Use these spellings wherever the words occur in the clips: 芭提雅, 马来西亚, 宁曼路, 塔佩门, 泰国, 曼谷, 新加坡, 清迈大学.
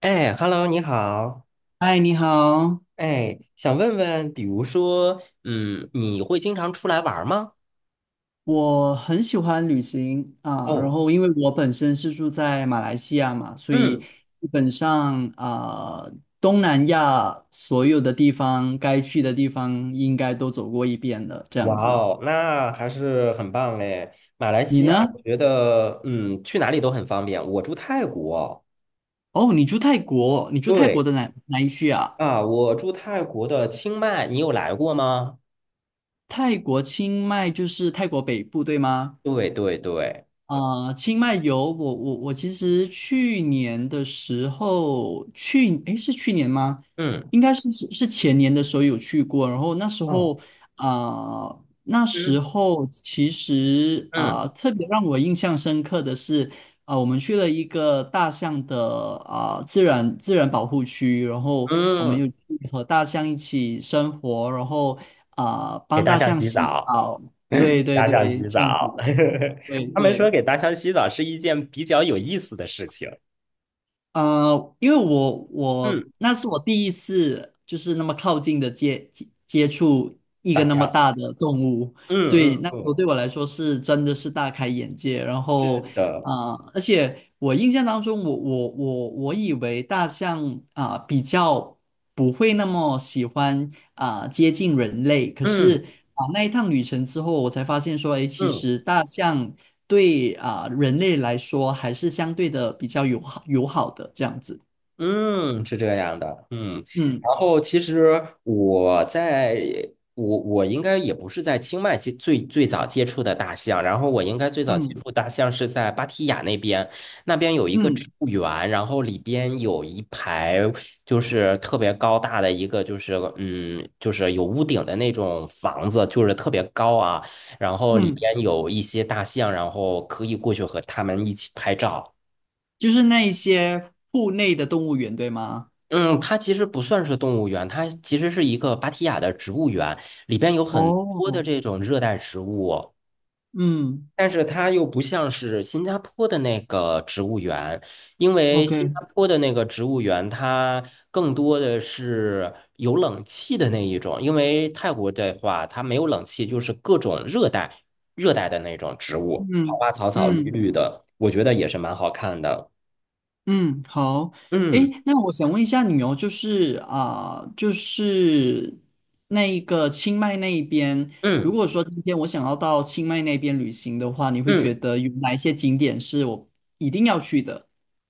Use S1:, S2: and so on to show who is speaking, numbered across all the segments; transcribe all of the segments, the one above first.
S1: 哎，Hello，你好。
S2: 嗨，你好，
S1: 哎，想问问，比如说，你会经常出来玩儿吗？
S2: 我很喜欢旅行啊，然
S1: 哦，
S2: 后因为我本身是住在马来西亚嘛，所以
S1: 嗯，
S2: 基本上啊，东南亚所有的地方该去的地方应该都走过一遍了，这
S1: 哇
S2: 样子。
S1: 哦，那还是很棒嘞。马来
S2: 你
S1: 西亚，
S2: 呢？
S1: 我觉得，去哪里都很方便。我住泰国，
S2: 哦，你住泰国，你住泰国
S1: 对
S2: 的哪一区啊？
S1: 啊，我住泰国的清迈，你有来过吗？
S2: 泰国清迈就是泰国北部，对吗？
S1: 对对对，
S2: 啊、清迈游，我其实去年的时候去，诶，是去年吗？
S1: 嗯
S2: 应该是前年的时候有去过，然后那时
S1: 嗯
S2: 候啊、那
S1: 嗯
S2: 时候其实
S1: 嗯
S2: 啊、特别让我印象深刻的是啊、我们去了一个大象的啊、自然保护区，然后我们
S1: 嗯，
S2: 又去和大象一起生活，然后啊、
S1: 给
S2: 帮
S1: 大
S2: 大
S1: 象
S2: 象
S1: 洗
S2: 洗
S1: 澡。
S2: 澡，对 对
S1: 大象
S2: 对，
S1: 洗
S2: 这样子
S1: 澡，
S2: 的，对
S1: 他们说
S2: 对。
S1: 给大象洗澡是一件比较有意思的事情。
S2: 因为我
S1: 嗯，
S2: 那是我第一次就是那么靠近的接触一
S1: 大
S2: 个那么
S1: 象，
S2: 大的动物，所
S1: 嗯
S2: 以
S1: 嗯
S2: 那时候
S1: 嗯，
S2: 对我来说是真的是大开眼界。然
S1: 是
S2: 后
S1: 的，
S2: 啊、而且我印象当中我，我以为大象啊、比较不会那么喜欢啊、接近人类，可
S1: 嗯
S2: 是啊、那一趟旅程之后，我才发现说，诶，其
S1: 嗯。
S2: 实大象。对啊、人类来说还是相对的比较友好的这样子。
S1: 嗯，是这样的，嗯，然
S2: 嗯
S1: 后其实我在我我应该也不是在清迈接最早接触的大象，然后我应该最早接
S2: 嗯
S1: 触大象是在芭提雅那边，那边有一个植
S2: 嗯
S1: 物园，然后里边有一排就是特别高大的一个就是有屋顶的那种房子，就是特别高啊，然后里
S2: 嗯，
S1: 边有一些大象，然后可以过去和它们一起拍照。
S2: 就是那一些户内的动物园，对吗？
S1: 嗯，它其实不算是动物园，它其实是一个芭提雅的植物园，里边有很多的
S2: 哦，
S1: 这种热带植物，
S2: 嗯
S1: 但是它又不像是新加坡的那个植物园，因为新加
S2: ，OK,
S1: 坡的那个植物园它更多的是有冷气的那一种，因为泰国的话它没有冷气，就是各种热带的那种植物，花
S2: 嗯
S1: 花草草绿
S2: 嗯
S1: 绿的，我觉得也是蛮好看的。
S2: 嗯，好，
S1: 嗯
S2: 诶，那我想问一下你哦，就是啊、就是那一个清迈那一边，如
S1: 嗯
S2: 果说今天我想要到清迈那边旅行的话，你会觉
S1: 嗯。
S2: 得有哪一些景点是我一定要去的？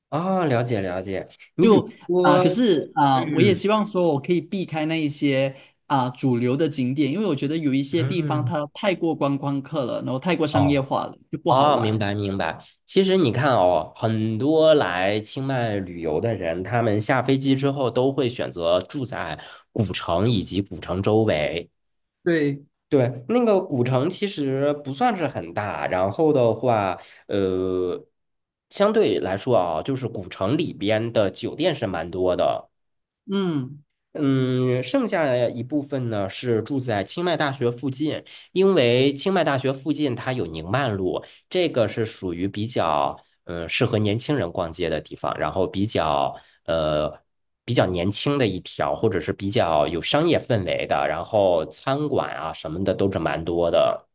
S1: 啊，了解了解。你比如
S2: 就啊、
S1: 说，
S2: 可是啊、我也
S1: 嗯
S2: 希望说我可以避开那一些啊、主流的景点，因为我觉得有一些地方
S1: 嗯，
S2: 它太过观光客了，然后太过商业
S1: 哦
S2: 化了，就不好
S1: 哦，明
S2: 玩。
S1: 白明白。其实你看哦，很多来清迈旅游的人，他们下飞机之后都会选择住在古城以及古城周围。
S2: 对，
S1: 对，那个古城其实不算是很大，然后的话，呃，相对来说啊，就是古城里边的酒店是蛮多的。
S2: 嗯，
S1: 嗯，剩下一部分呢是住在清迈大学附近，因为清迈大学附近它有宁曼路，这个是属于比较适合年轻人逛街的地方，然后呃比较年轻的一条，或者是比较有商业氛围的，然后餐馆啊什么的都是蛮多的。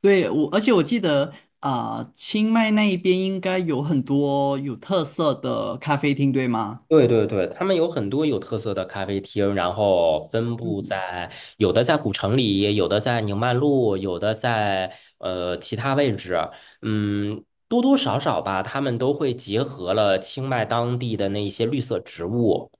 S2: 对，我，而且我记得啊、清迈那一边应该有很多有特色的咖啡厅，对吗？
S1: 对对对，他们有很多有特色的咖啡厅，然后分布
S2: 嗯
S1: 在有的在古城里，有的在宁曼路，有的在其他位置。嗯，多多少少吧，他们都会结合了清迈当地的那一些绿色植物。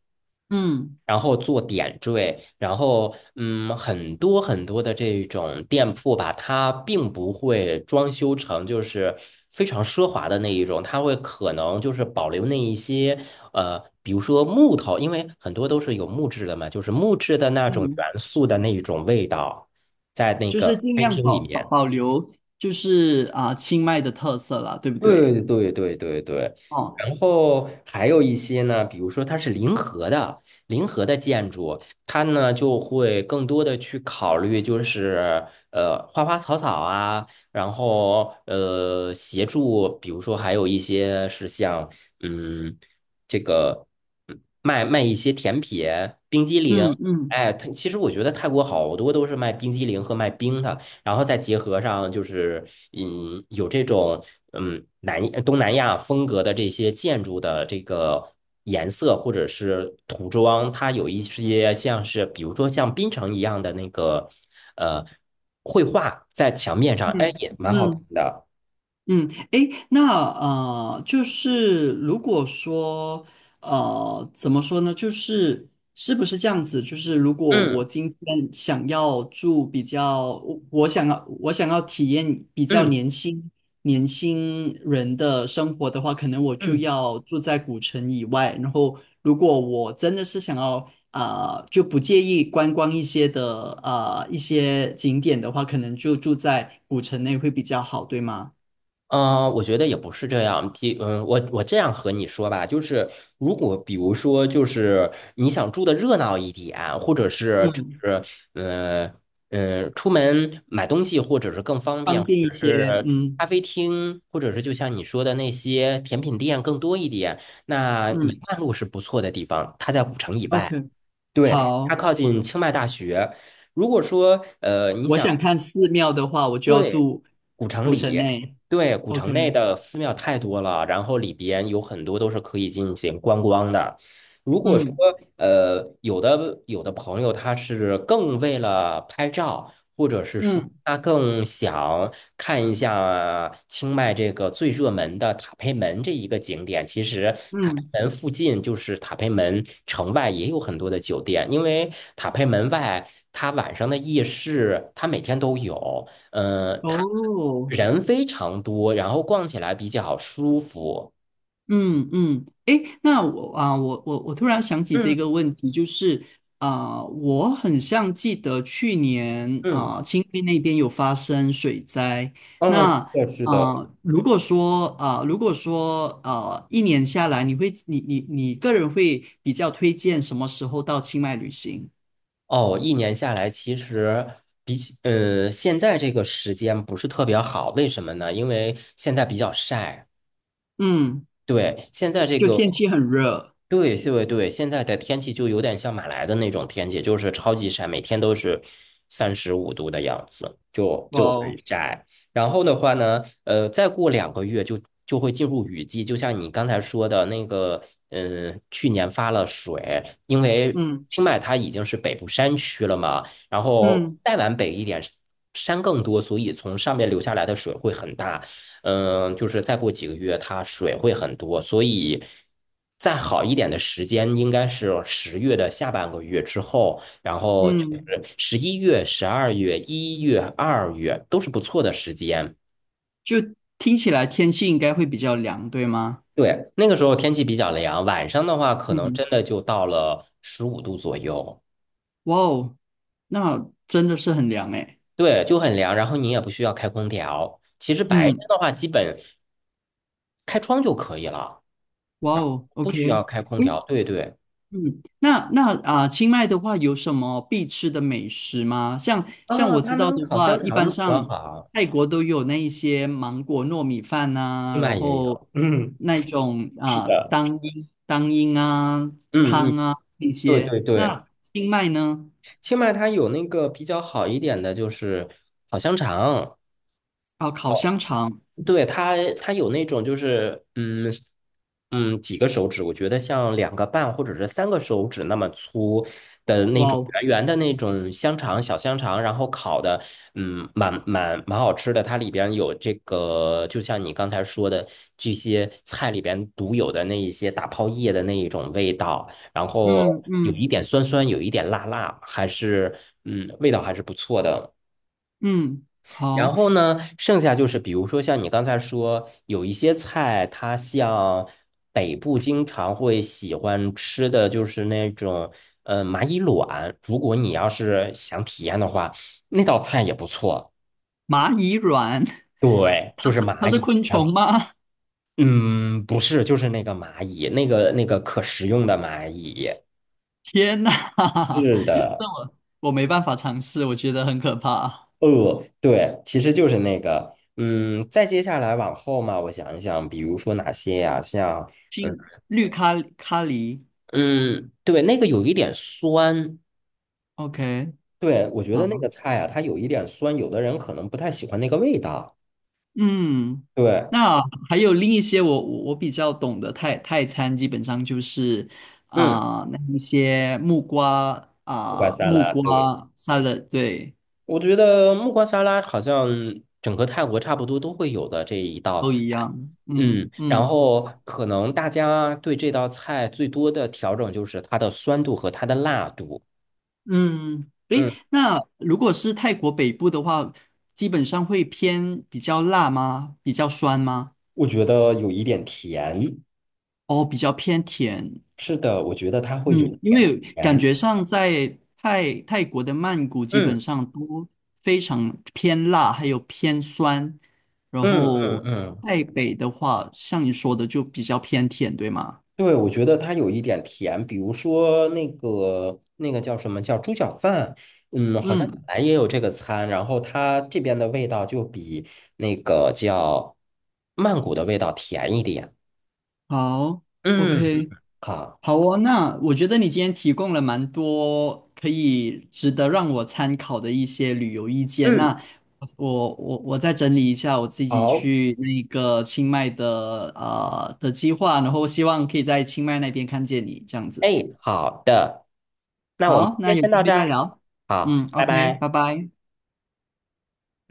S2: 嗯
S1: 然后做点缀，然后很多很多的这种店铺吧，它并不会装修成就是非常奢华的那一种，它会可能就是保留那一些比如说木头，因为很多都是有木质的嘛，就是木质的那种
S2: 嗯，
S1: 元素的那一种味道，在那
S2: 就
S1: 个
S2: 是
S1: 咖
S2: 尽
S1: 啡
S2: 量
S1: 厅里
S2: 保保
S1: 面。
S2: 保留，就是啊、清迈的特色啦，对不对？
S1: 对对对对对，
S2: 哦，
S1: 然后还有一些呢，比如说它是临河的，临河的建筑，它呢就会更多的去考虑，就是花花草草啊，然后协助，比如说还有一些是像嗯这个卖一些甜品、冰激凌，
S2: 嗯嗯
S1: 哎，它其实我觉得泰国好多都是卖冰激凌和卖冰的。然后再结合上就是，有这种嗯南呃东南亚风格的这些建筑的这个颜色或者是涂装，它有一些像是比如说像槟城一样的那个呃绘画在墙面上，哎，
S2: 嗯
S1: 也蛮好看
S2: 嗯。
S1: 的。
S2: 嗯，诶，那就是如果说怎么说呢？就是是不是这样子？就是如果我
S1: 嗯
S2: 今天想要住比较，我想要想要体验比较
S1: 嗯
S2: 年轻人的生活的话，可能我就
S1: 嗯。
S2: 要住在古城以外。然后，如果我真的是想要啊、就不介意观光一些的啊、一些景点的话，可能就住在古城内会比较好，对吗？
S1: 我觉得也不是这样。第，嗯，我我这样和你说吧，就是如果比如说，就是你想住的热闹一点，或者是就
S2: 嗯，
S1: 是呃，出门买东西，或者是更方
S2: 方
S1: 便，或
S2: 便一
S1: 者
S2: 些，
S1: 是
S2: 嗯
S1: 咖啡厅，或者是就像你说的那些甜品店更多一点，那宁
S2: 嗯
S1: 曼路是不错的地方，它在古城以外，
S2: ，OK,
S1: 对，它
S2: 好，
S1: 靠近清迈大学。如果说你
S2: 我
S1: 想。
S2: 想看寺庙的话，我就要
S1: 对，
S2: 住
S1: 古城
S2: 古城
S1: 里，
S2: 内
S1: 对，古城
S2: ，OK,
S1: 内的寺庙太多了，然后里边有很多都是可以进行观光的。如果说
S2: 嗯
S1: 有的朋友他是更为了拍照，或者是说
S2: 嗯
S1: 他更想看一下清迈这个最热门的塔佩门这一个景点，其实塔佩
S2: 嗯，
S1: 门附近就是塔佩门城外也有很多的酒店，因为塔佩门外它晚上的夜市它每天都有。它
S2: 哦，
S1: 人非常多，然后逛起来比较舒服。
S2: 嗯嗯，诶，那我啊，我突然想起这
S1: 嗯
S2: 个问题，就是啊、我很像记得去年
S1: 嗯，
S2: 啊、清迈那边有发生水灾。
S1: 嗯，是
S2: 那
S1: 的，是的。
S2: 啊、如果说啊、一年下来，你会你个人会比较推荐什么时候到清迈旅行？
S1: 哦，一年下来，其实比起现在这个时间不是特别好，为什么呢？因为现在比较晒。
S2: 嗯，
S1: 对，现在这
S2: 就
S1: 个，
S2: 天气很热，
S1: 对对对，现在的天气就有点像马来的那种天气，就是超级晒，每天都是35度的样子。
S2: 哇哦，
S1: 然后的话呢，再过2个月就会进入雨季，就像你刚才说的那个，嗯，去年发了水，因为
S2: 嗯
S1: 清迈它已经是北部山区了嘛，然后
S2: 嗯
S1: 再往北一点，山更多，所以从上面流下来的水会很大，嗯，就是再过几个月它水会很多，所以再好一点的时间应该是10月的下半个月之后。然后就
S2: 嗯，
S1: 是11月、12月、一月、二月都是不错的时间。
S2: 就听起来天气应该会比较凉，对吗？
S1: 对，那个时候天气比较凉，晚上的话可能
S2: 嗯。
S1: 真的就到了十五度左右，
S2: 哇哦，那真的是很凉诶。
S1: 对，就很凉。然后你也不需要开空调，其实白天
S2: 嗯，
S1: 的话基本开窗就可以了，
S2: 哇哦
S1: 不
S2: ，OK,
S1: 需要开空
S2: 嗯
S1: 调。对对，
S2: 嗯，那那啊，清迈的话有什么必吃的美食吗？像
S1: 啊，
S2: 我知
S1: 他
S2: 道
S1: 们
S2: 的
S1: 烤
S2: 话，
S1: 香
S2: 一般
S1: 肠比较
S2: 上
S1: 好，
S2: 泰国都有那一些芒果糯米饭呐，
S1: 清迈
S2: 然
S1: 也
S2: 后
S1: 有，嗯，
S2: 那种
S1: 是
S2: 啊
S1: 的，
S2: 当阴啊
S1: 嗯嗯，
S2: 这
S1: 对
S2: 些。
S1: 对对，
S2: 那清迈呢？
S1: 清迈它有那个比较好一点的就是烤香肠。
S2: 啊，烤香肠，
S1: 对，它有那种就是，几个手指，我觉得像2个半或者是3个手指那么粗的那
S2: 哇
S1: 种
S2: 哦，
S1: 圆圆的那种香肠，小香肠，然后烤的，嗯，蛮好吃的。它里边有这个，就像你刚才说的这些菜里边独有的那一些大泡叶的那一种味道，然后
S2: 嗯
S1: 有一
S2: 嗯
S1: 点酸酸，有一点辣辣，还是味道还是不错的。
S2: 嗯，
S1: 然
S2: 好，
S1: 后呢，剩下就是比如说像你刚才说，有一些菜，它像北部经常会喜欢吃的就是那种蚂蚁卵，如果你要是想体验的话，那道菜也不错。
S2: 蚂蚁卵。
S1: 对，就是
S2: 它
S1: 蚂
S2: 是
S1: 蚁。
S2: 昆虫吗？
S1: 嗯，不是，就是那个蚂蚁，那个可食用的蚂蚁。
S2: 天呐，哈哈，
S1: 是的，
S2: 这我没办法尝试，我觉得很可怕。
S1: 对，其实就是那个，嗯，再接下来往后嘛，我想一想，比如说哪些呀、像。呃
S2: 听绿咖咖喱
S1: 嗯，对，那个有一点酸，
S2: ，OK,
S1: 对，我觉得那
S2: 好，
S1: 个菜啊，它有一点酸，有的人可能不太喜欢那个味道。
S2: 嗯，
S1: 对，
S2: 那还有另一些我比较懂的泰泰餐，基本上就是
S1: 嗯，
S2: 啊、那一些
S1: 木瓜沙
S2: 木
S1: 拉，
S2: 瓜
S1: 对，
S2: salad,对，
S1: 我觉得木瓜沙拉好像整个泰国差不多都会有的这一道
S2: 都
S1: 菜。
S2: 一样，嗯
S1: 嗯，然
S2: 嗯。
S1: 后可能大家对这道菜最多的调整就是它的酸度和它的辣度。
S2: 嗯，诶，
S1: 嗯，
S2: 那如果是泰国北部的话，基本上会偏比较辣吗？比较酸吗？
S1: 我觉得有一点甜，
S2: 哦，比较偏甜，
S1: 是的，我觉得它会有一
S2: 嗯，因
S1: 点
S2: 为感
S1: 甜。
S2: 觉上在泰泰国的曼谷基本
S1: 嗯
S2: 上都非常偏辣，还有偏酸，然
S1: 嗯嗯
S2: 后
S1: 嗯，
S2: 泰北的话，像你说的就比较偏甜，对吗？
S1: 对，我觉得它有一点甜，比如说那个叫什么叫猪脚饭，嗯，好像本
S2: 嗯，
S1: 来也有这个餐，然后它这边的味道就比那个叫曼谷的味道甜一点。
S2: 好
S1: 嗯，
S2: ，OK。
S1: 好，
S2: 好哦，那我觉得你今天提供了蛮多可以值得让我参考的一些旅游意见。
S1: 嗯，
S2: 那我再整理一下我自己
S1: 好，
S2: 去那个清迈的的计划，然后希望可以在清迈那边看见你这样
S1: 哎，
S2: 子。
S1: 好的，那我们
S2: 好，
S1: 今天
S2: 那有
S1: 先
S2: 机
S1: 到
S2: 会
S1: 这
S2: 再
S1: 儿，
S2: 聊。
S1: 好，
S2: 嗯
S1: 拜
S2: ，OK,
S1: 拜。
S2: 拜拜。